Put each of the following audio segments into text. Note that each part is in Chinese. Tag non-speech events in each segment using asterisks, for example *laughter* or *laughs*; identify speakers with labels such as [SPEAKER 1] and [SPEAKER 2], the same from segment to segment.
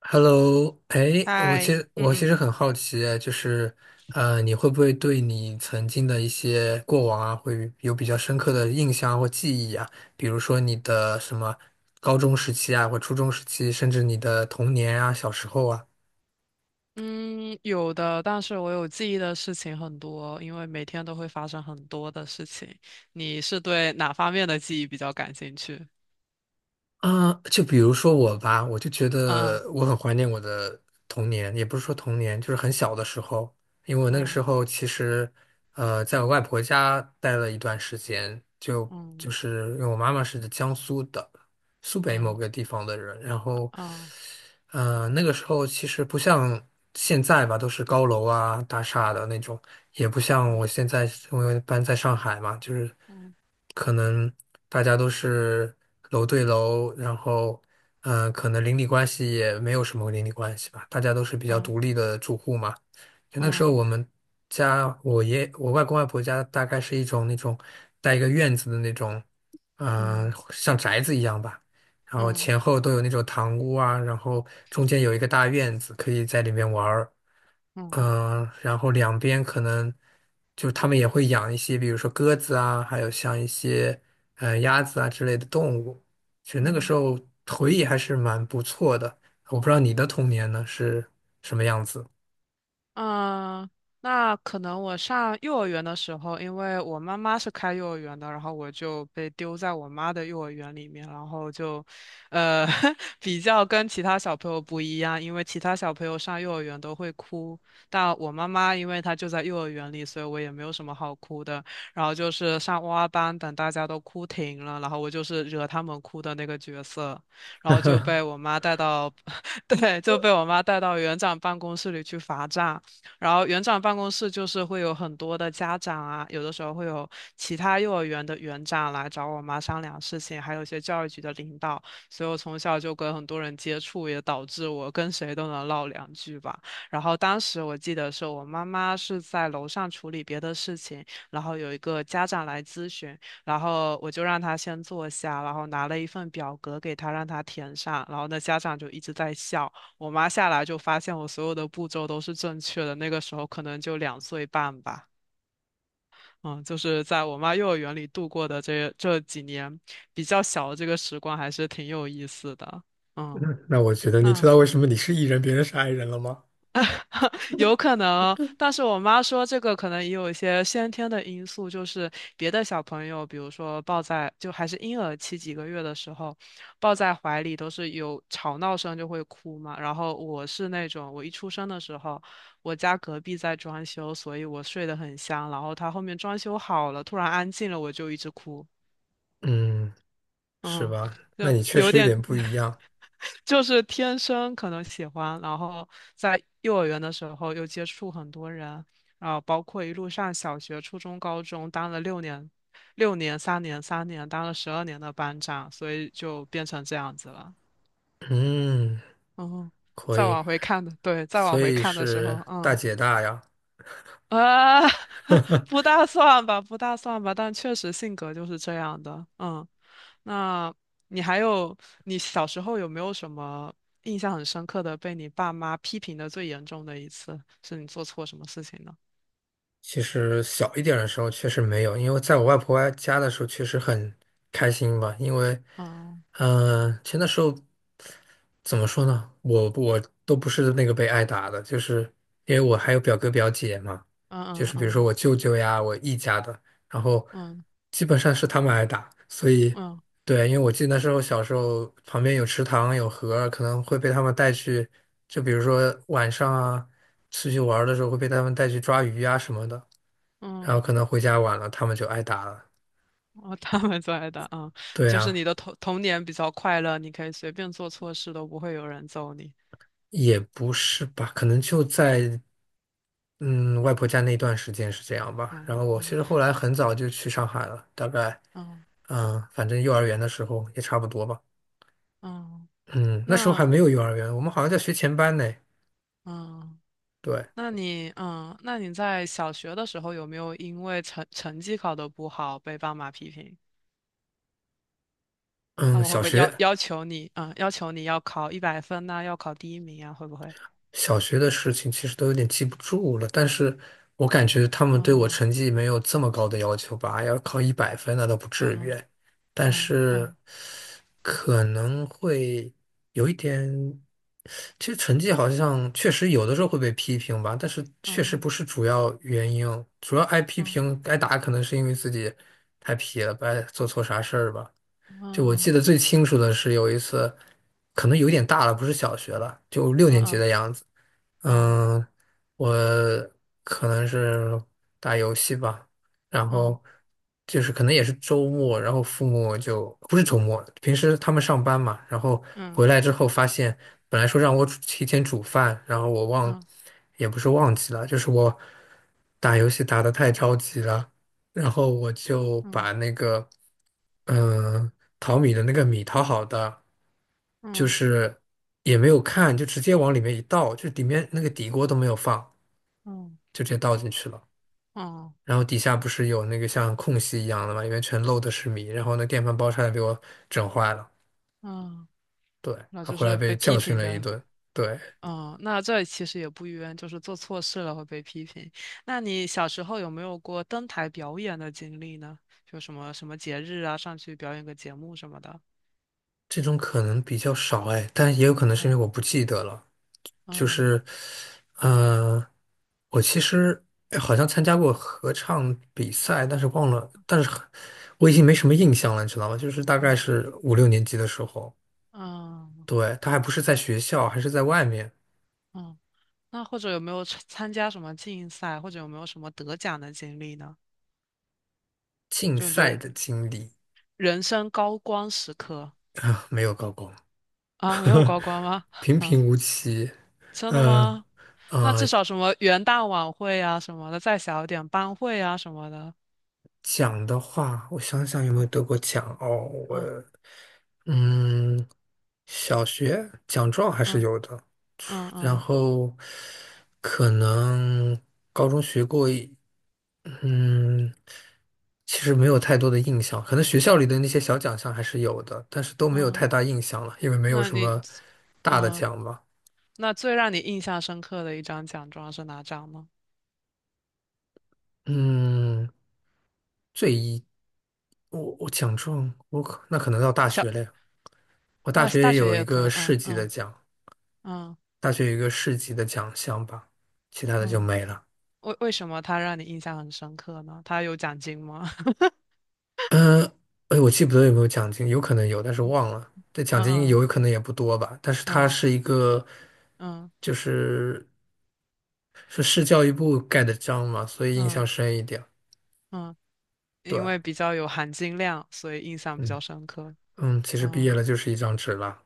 [SPEAKER 1] Hello，哎，我其
[SPEAKER 2] 嗨，
[SPEAKER 1] 实
[SPEAKER 2] 嗯
[SPEAKER 1] 我其
[SPEAKER 2] 嗯
[SPEAKER 1] 实很好奇，就是，你会不会对你曾经的一些过往啊，会有比较深刻的印象啊或记忆啊？比如说你的什么高中时期啊，或初中时期，甚至你的童年啊，小时候啊。
[SPEAKER 2] 嗯，有的，但是我有记忆的事情很多，因为每天都会发生很多的事情。你是对哪方面的记忆比较感兴趣？
[SPEAKER 1] 啊，就比如说我吧，我就觉
[SPEAKER 2] 嗯
[SPEAKER 1] 得我很怀念我的童年，也不是说童年，就是很小的时候，因为我那个
[SPEAKER 2] 嗯
[SPEAKER 1] 时候其实，在我外婆家待了一段时间，就
[SPEAKER 2] 嗯
[SPEAKER 1] 就是因为我妈妈是江苏的，苏北某
[SPEAKER 2] 嗯
[SPEAKER 1] 个地方的人，然后，
[SPEAKER 2] 嗯
[SPEAKER 1] 那个时候其实不像现在吧，都是高楼啊、大厦的那种，也不像我
[SPEAKER 2] 嗯
[SPEAKER 1] 现在因为搬在上海嘛，就是。
[SPEAKER 2] 嗯
[SPEAKER 1] 可能大家都是楼对楼，然后可能邻里关系也没有什么邻里关系吧，大家都是比较
[SPEAKER 2] 嗯
[SPEAKER 1] 独立的住户嘛。就那时候我们家，我爷我外公外婆家大概是一种那种带一个院子的那种，
[SPEAKER 2] 嗯
[SPEAKER 1] 像宅子一样吧。然后
[SPEAKER 2] 嗯
[SPEAKER 1] 前后都有那种堂屋啊，然后中间有一个大院子，可以在里面玩儿。
[SPEAKER 2] 嗯
[SPEAKER 1] 然后两边可能就是他们也会养一些，比如说鸽子啊，还有像一些鸭子啊之类的动物。其实那个时
[SPEAKER 2] 嗯。
[SPEAKER 1] 候回忆还是蛮不错的。我不知道你的童年呢是什么样子。*laughs*
[SPEAKER 2] 嗯，那可能我上幼儿园的时候，因为我妈妈是开幼儿园的，然后我就被丢在我妈的幼儿园里面，然后就，呃，*laughs* 比较跟其他小朋友不一样，因为其他小朋友上幼儿园都会哭，但我妈妈因为她就在幼儿园里，所以我也没有什么好哭的。然后就是上哇哇班，等大家都哭停了，然后我就是惹他们哭的那个角色，然后就被我妈带到，*laughs* 对，就被我妈带到园长办公室里去罚站。然后园长办公室就是会有很多的家长啊，有的时候会有其他幼儿园的园长来找我妈商量事情，还有一些教育局的领导，所以我从小就跟很多人接触，也导致我跟谁都能唠两句吧。然后当时我记得是我妈妈是在楼上处理别的事情，然后有一个家长来咨询，然后我就让他先坐下，然后拿了一份表格给他，让他填上，然后那家长就一直在笑。我妈下来就发现我所有的步骤都是正确的，那个时候可能就两岁半吧。嗯，就是在我妈幼儿园里度过的这几年比较小的这个时光，还是挺有意思的。嗯，
[SPEAKER 1] 嗯那我觉得，你知
[SPEAKER 2] 那
[SPEAKER 1] 道为什么你是 E 人，别人是 I 人了吗？
[SPEAKER 2] 有可能，但是我妈说这个可能也有一些先天的因素，就是别的小朋友，比如说抱在就还是婴儿期几个月的时候，抱在怀里都是有吵闹声就会哭嘛。然后我是那种，我一出生的时候，我家隔壁在装修，所以我睡得很香。然后他后面装修好了，突然安静了，我就一直哭。
[SPEAKER 1] 嗯，是
[SPEAKER 2] 嗯，
[SPEAKER 1] 吧？那
[SPEAKER 2] 就
[SPEAKER 1] 你确
[SPEAKER 2] 有
[SPEAKER 1] 实有
[SPEAKER 2] 点，
[SPEAKER 1] 点不一
[SPEAKER 2] *laughs*
[SPEAKER 1] 样。
[SPEAKER 2] 就是天生可能喜欢，然后在幼儿园的时候又接触很多人，然后包括一路上小学、初中、高中当了六年，六年、三年、三年，当了十二年的班长，所以就变成这样子了。
[SPEAKER 1] 嗯，
[SPEAKER 2] 嗯，
[SPEAKER 1] 可
[SPEAKER 2] 再
[SPEAKER 1] 以。
[SPEAKER 2] 往回看的，对，再往
[SPEAKER 1] 所
[SPEAKER 2] 回
[SPEAKER 1] 以
[SPEAKER 2] 看的时候，
[SPEAKER 1] 是大
[SPEAKER 2] 嗯。
[SPEAKER 1] 姐大呀。
[SPEAKER 2] 啊，*laughs* 不大算吧，不大算吧，但确实性格就是这样的。嗯，那你还有，你小时候有没有什么印象很深刻的被你爸妈批评的最严重的一次，是你做错什么事情呢？
[SPEAKER 1] 其实小一点的时候确实没有，因为在我外婆家的时候确实很开心吧，因为，
[SPEAKER 2] 嗯
[SPEAKER 1] 其实那时候怎么说呢，我都不是那个被挨打的，就是因为我还有表哥表姐嘛，就
[SPEAKER 2] 嗯
[SPEAKER 1] 是比如说
[SPEAKER 2] 嗯
[SPEAKER 1] 我舅舅呀，我姨家的，然后
[SPEAKER 2] 嗯
[SPEAKER 1] 基本上是他们挨打，所以
[SPEAKER 2] 嗯嗯
[SPEAKER 1] 对，因为我记得那时候小时候旁边有池塘有河，可能会被他们带去，就比如说晚上啊，出去玩儿的时候会被他们带去抓鱼啊什么的，然
[SPEAKER 2] 嗯，
[SPEAKER 1] 后可能回家晚了，他们就挨打了。
[SPEAKER 2] *laughs* 哦，他们最爱的，嗯，
[SPEAKER 1] 对
[SPEAKER 2] 就是
[SPEAKER 1] 啊，
[SPEAKER 2] 你的童年比较快乐，你可以随便做错事都不会有人揍你。
[SPEAKER 1] 也不是吧，可能就在外婆家那段时间是这样吧。然
[SPEAKER 2] 嗯
[SPEAKER 1] 后我其
[SPEAKER 2] 嗯
[SPEAKER 1] 实后来很早就去上海了，大概
[SPEAKER 2] 嗯
[SPEAKER 1] 反正幼儿园的时候也差不多吧。
[SPEAKER 2] 嗯，
[SPEAKER 1] 嗯，那时候还
[SPEAKER 2] 那
[SPEAKER 1] 没有幼儿园，我们好像在学前班呢。
[SPEAKER 2] 嗯，
[SPEAKER 1] 对，
[SPEAKER 2] 那你嗯，那你在小学的时候有没有因为成绩考得不好被爸妈批评？他
[SPEAKER 1] 嗯，
[SPEAKER 2] 们会
[SPEAKER 1] 小
[SPEAKER 2] 不会要
[SPEAKER 1] 学。
[SPEAKER 2] 要求你，嗯，要求你要考一百分呐、要考第一名啊，会不会？
[SPEAKER 1] 小学的事情其实都有点记不住了，但是我感觉他们对我
[SPEAKER 2] 嗯
[SPEAKER 1] 成绩没有这么高的要求吧，要考一百分那倒不至于，
[SPEAKER 2] 嗯
[SPEAKER 1] 但
[SPEAKER 2] 嗯
[SPEAKER 1] 是
[SPEAKER 2] 嗯
[SPEAKER 1] 可能会有一点，其实成绩好像确实有的时候会被批评吧，但是确实不
[SPEAKER 2] 嗯
[SPEAKER 1] 是主要原因，主要挨批
[SPEAKER 2] 嗯
[SPEAKER 1] 评挨打可能是因为自己太皮了，不爱做错啥事儿吧。就我记得最清楚的是有一次，可能有点大了，不是小学了，就六
[SPEAKER 2] 嗯
[SPEAKER 1] 年级
[SPEAKER 2] 嗯
[SPEAKER 1] 的样子。
[SPEAKER 2] 嗯
[SPEAKER 1] 嗯，我可能是打游戏吧，然后就是可能也是周末，然后父母就不是周末，平时他们上班嘛，然后
[SPEAKER 2] 嗯
[SPEAKER 1] 回
[SPEAKER 2] 嗯
[SPEAKER 1] 来之后发现，本来说让我煮提前煮饭，然后我
[SPEAKER 2] 嗯
[SPEAKER 1] 忘，
[SPEAKER 2] 嗯
[SPEAKER 1] 也不是忘记了，就是我打游戏打得太着急了，然后我就
[SPEAKER 2] 嗯
[SPEAKER 1] 把那个，嗯、淘米的那个米淘好的，就
[SPEAKER 2] 嗯
[SPEAKER 1] 是也没有看，就直接往里面一倒，就里面那个底锅都没有放，
[SPEAKER 2] 嗯
[SPEAKER 1] 就直接倒进去了。
[SPEAKER 2] 嗯，
[SPEAKER 1] 然后底下不是有那个像空隙一样的嘛，里面全漏的是米，然后那电饭煲差点被我整坏了。
[SPEAKER 2] 嗯
[SPEAKER 1] 对，
[SPEAKER 2] 那
[SPEAKER 1] 他
[SPEAKER 2] 就
[SPEAKER 1] 回来
[SPEAKER 2] 是被
[SPEAKER 1] 被
[SPEAKER 2] 批
[SPEAKER 1] 教训
[SPEAKER 2] 评
[SPEAKER 1] 了一
[SPEAKER 2] 的。
[SPEAKER 1] 顿。对，
[SPEAKER 2] 嗯，那这其实也不冤，就是做错事了会被批评。那你小时候有没有过登台表演的经历呢？就什么什么节日啊，上去表演个节目什么的。
[SPEAKER 1] 这种可能比较少哎，但也有可能是因为
[SPEAKER 2] 嗯
[SPEAKER 1] 我不记得了。就
[SPEAKER 2] 嗯
[SPEAKER 1] 是，呃，我其实哎好像参加过合唱比赛，但是忘了，但是我已经没什么印象了，你知道吗？就是大概
[SPEAKER 2] 嗯
[SPEAKER 1] 是五六年级的时候，
[SPEAKER 2] 嗯
[SPEAKER 1] 对，他还不是在学校，还是在外面
[SPEAKER 2] 嗯，那或者有没有参加什么竞赛，或者有没有什么得奖的经历呢？
[SPEAKER 1] 竞
[SPEAKER 2] 就你觉
[SPEAKER 1] 赛
[SPEAKER 2] 得
[SPEAKER 1] 的经历
[SPEAKER 2] 人生高光时刻
[SPEAKER 1] 啊，*laughs* 没有高光，
[SPEAKER 2] 啊，没有
[SPEAKER 1] *laughs*
[SPEAKER 2] 高光吗？
[SPEAKER 1] 平
[SPEAKER 2] *laughs* 啊，
[SPEAKER 1] 平无奇，
[SPEAKER 2] 真的
[SPEAKER 1] 嗯，
[SPEAKER 2] 吗？那
[SPEAKER 1] 呃，
[SPEAKER 2] 至少什么元旦晚会啊什么的，再小一点班会啊什么的。
[SPEAKER 1] 奖的话，我想想有没有
[SPEAKER 2] 嗯
[SPEAKER 1] 得过奖哦。我
[SPEAKER 2] 嗯
[SPEAKER 1] 嗯，小学奖状还是
[SPEAKER 2] 嗯
[SPEAKER 1] 有的，
[SPEAKER 2] 嗯
[SPEAKER 1] 然
[SPEAKER 2] 嗯
[SPEAKER 1] 后可能高中学过一，嗯，其实没有太多的印象。可能学校里的那些小奖项还是有的，但是都没有太
[SPEAKER 2] 嗯，
[SPEAKER 1] 大印象了，因为没有
[SPEAKER 2] 那
[SPEAKER 1] 什
[SPEAKER 2] 你
[SPEAKER 1] 么大的
[SPEAKER 2] 嗯，
[SPEAKER 1] 奖吧。
[SPEAKER 2] 那最让你印象深刻的一张奖状是哪张呢？
[SPEAKER 1] 嗯，最一，我奖状，我可那可能到大
[SPEAKER 2] 小，
[SPEAKER 1] 学嘞。我大
[SPEAKER 2] 那大
[SPEAKER 1] 学
[SPEAKER 2] 学
[SPEAKER 1] 有一
[SPEAKER 2] 也可以。
[SPEAKER 1] 个市
[SPEAKER 2] 嗯
[SPEAKER 1] 级的
[SPEAKER 2] 嗯
[SPEAKER 1] 奖，
[SPEAKER 2] 嗯
[SPEAKER 1] 大学有一个市级的奖项吧，其他的就
[SPEAKER 2] 嗯
[SPEAKER 1] 没了。
[SPEAKER 2] 为什么他让你印象很深刻呢？他有奖金吗？*laughs*
[SPEAKER 1] 哎，我记不得有没有奖金，有可能有，但是忘了。这奖金
[SPEAKER 2] 嗯
[SPEAKER 1] 有可能也不多吧，但是它
[SPEAKER 2] 嗯
[SPEAKER 1] 是一个，
[SPEAKER 2] 嗯
[SPEAKER 1] 就是是市教育部盖的章嘛，所以印
[SPEAKER 2] 嗯
[SPEAKER 1] 象
[SPEAKER 2] 嗯
[SPEAKER 1] 深一点。
[SPEAKER 2] 嗯，因
[SPEAKER 1] 对，
[SPEAKER 2] 为比较有含金量，所以印象比
[SPEAKER 1] 嗯
[SPEAKER 2] 较深刻。
[SPEAKER 1] 嗯，其实毕业
[SPEAKER 2] 嗯
[SPEAKER 1] 了就是一张纸了。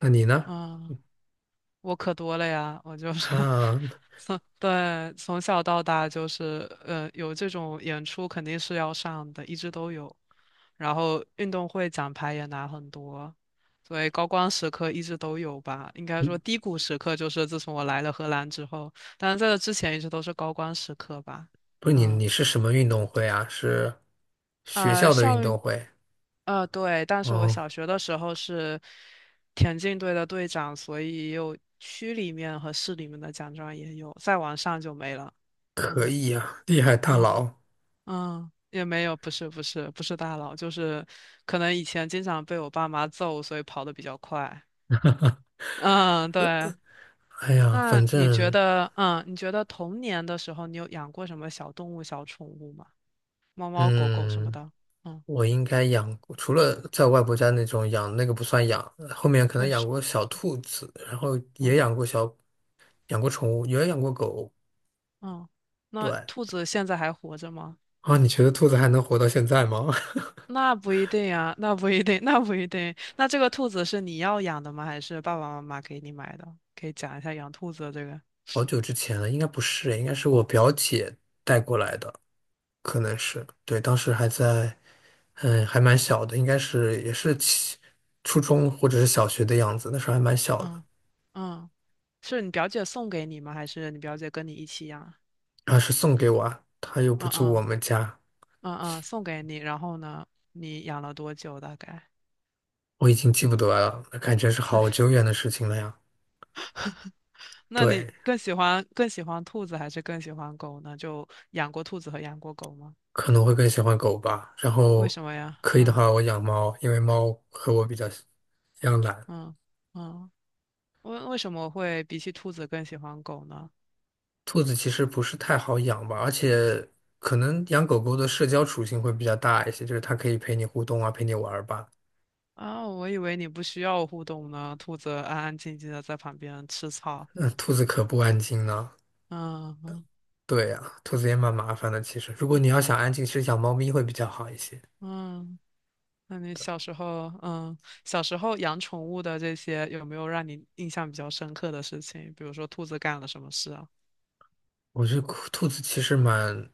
[SPEAKER 1] 那你呢？
[SPEAKER 2] 嗯。我可多了呀，我就是 *laughs*
[SPEAKER 1] 啊，
[SPEAKER 2] 从对从小到大就是呃有这种演出肯定是要上的，一直都有。然后运动会奖牌也拿很多，所以高光时刻一直都有吧。应该
[SPEAKER 1] 嗯，
[SPEAKER 2] 说低谷时刻就是自从我来了荷兰之后，但是在这之前一直都是高光时刻吧。
[SPEAKER 1] 不是你，
[SPEAKER 2] 嗯，
[SPEAKER 1] 你是什么运动会啊？是学
[SPEAKER 2] 呃，
[SPEAKER 1] 校的
[SPEAKER 2] 校
[SPEAKER 1] 运动会？
[SPEAKER 2] 呃，对，但是我
[SPEAKER 1] 哦，
[SPEAKER 2] 小学的时候是田径队的队长，所以也有区里面和市里面的奖状也有，再往上就没了。
[SPEAKER 1] 可
[SPEAKER 2] 嗯
[SPEAKER 1] 以呀，厉害大
[SPEAKER 2] 嗯
[SPEAKER 1] 佬。
[SPEAKER 2] 嗯，也没有，不是不是不是大佬，就是可能以前经常被我爸妈揍，所以跑得比较快。嗯，对。
[SPEAKER 1] 哎呀，
[SPEAKER 2] 那
[SPEAKER 1] 反
[SPEAKER 2] 你觉
[SPEAKER 1] 正
[SPEAKER 2] 得，嗯，你觉得童年的时候你有养过什么小动物、小宠物吗？猫猫、狗狗什么
[SPEAKER 1] 嗯。
[SPEAKER 2] 的？嗯，
[SPEAKER 1] 我应该养过，除了在外婆家那种养，那个不算养，后面可能
[SPEAKER 2] 为
[SPEAKER 1] 养
[SPEAKER 2] 什么？
[SPEAKER 1] 过小兔子，然后也
[SPEAKER 2] 嗯
[SPEAKER 1] 养过小，养过宠物，也养过狗。
[SPEAKER 2] 嗯，那
[SPEAKER 1] 对，
[SPEAKER 2] 兔子现在还活着吗？
[SPEAKER 1] 啊，你觉得兔子还能活到现在吗？
[SPEAKER 2] 那不一定啊，那不一定，*laughs* 那不一定。那这个兔子是你要养的吗？还是爸爸妈妈给你买的？可以讲一下养兔子的这个。
[SPEAKER 1] *laughs* 好久之前了，应该不是，应该是我表姐带过来的，可能是，对，当时还在，还蛮小的，应该是也是起初中或者是小学的样子，那时候还蛮小的，
[SPEAKER 2] 嗯嗯，是你表姐送给你吗？还是你表姐跟你一起养？
[SPEAKER 1] 然后是送给我啊，她又不
[SPEAKER 2] 嗯
[SPEAKER 1] 住我
[SPEAKER 2] 嗯
[SPEAKER 1] 们家。
[SPEAKER 2] 嗯嗯，送给你。然后呢，你养了多久大概？
[SPEAKER 1] 我已经记不得了，那感觉是好久远的事情了呀。
[SPEAKER 2] 那
[SPEAKER 1] 对，
[SPEAKER 2] 你更喜欢更喜欢兔子还是更喜欢狗呢？就养过兔子和养过狗吗？
[SPEAKER 1] 可能会更喜欢狗吧。然
[SPEAKER 2] 为
[SPEAKER 1] 后
[SPEAKER 2] 什么呀？
[SPEAKER 1] 可以的
[SPEAKER 2] 嗯
[SPEAKER 1] 话，我养猫，因为猫和我比较像一样懒。
[SPEAKER 2] 嗯嗯，为什么会比起兔子更喜欢狗呢？
[SPEAKER 1] 兔子其实不是太好养吧，而且可能养狗狗的社交属性会比较大一些，就是它可以陪你互动啊，陪你玩儿吧。
[SPEAKER 2] 啊，我以为你不需要互动呢，兔子安安静静的在旁边吃草。
[SPEAKER 1] 那兔子可不安静呢。
[SPEAKER 2] 嗯嗯
[SPEAKER 1] 对呀，兔子也蛮麻烦的。其实，如果
[SPEAKER 2] 嗯，
[SPEAKER 1] 你要想安静，其实养猫咪会比较好一些。
[SPEAKER 2] 嗯，那你小时候，嗯，小时候养宠物的这些，有没有让你印象比较深刻的事情？比如说兔子干了什么事啊？
[SPEAKER 1] 我觉得兔子其实蛮，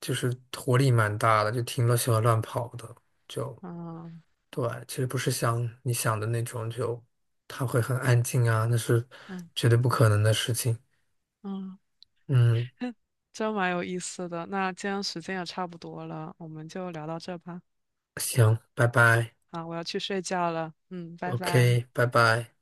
[SPEAKER 1] 就是活力蛮大的，就挺乐喜欢乱跑的，就
[SPEAKER 2] 嗯
[SPEAKER 1] 对，其实不是像你想的那种，就它会很安静啊，那是
[SPEAKER 2] 嗯
[SPEAKER 1] 绝对不可能的事情。
[SPEAKER 2] 嗯，
[SPEAKER 1] 嗯，
[SPEAKER 2] 真蛮有意思的。那今天时间也差不多了，我们就聊到这吧。
[SPEAKER 1] 行，拜拜
[SPEAKER 2] 啊，我要去睡觉了。嗯，拜拜。
[SPEAKER 1] ，OK，拜拜。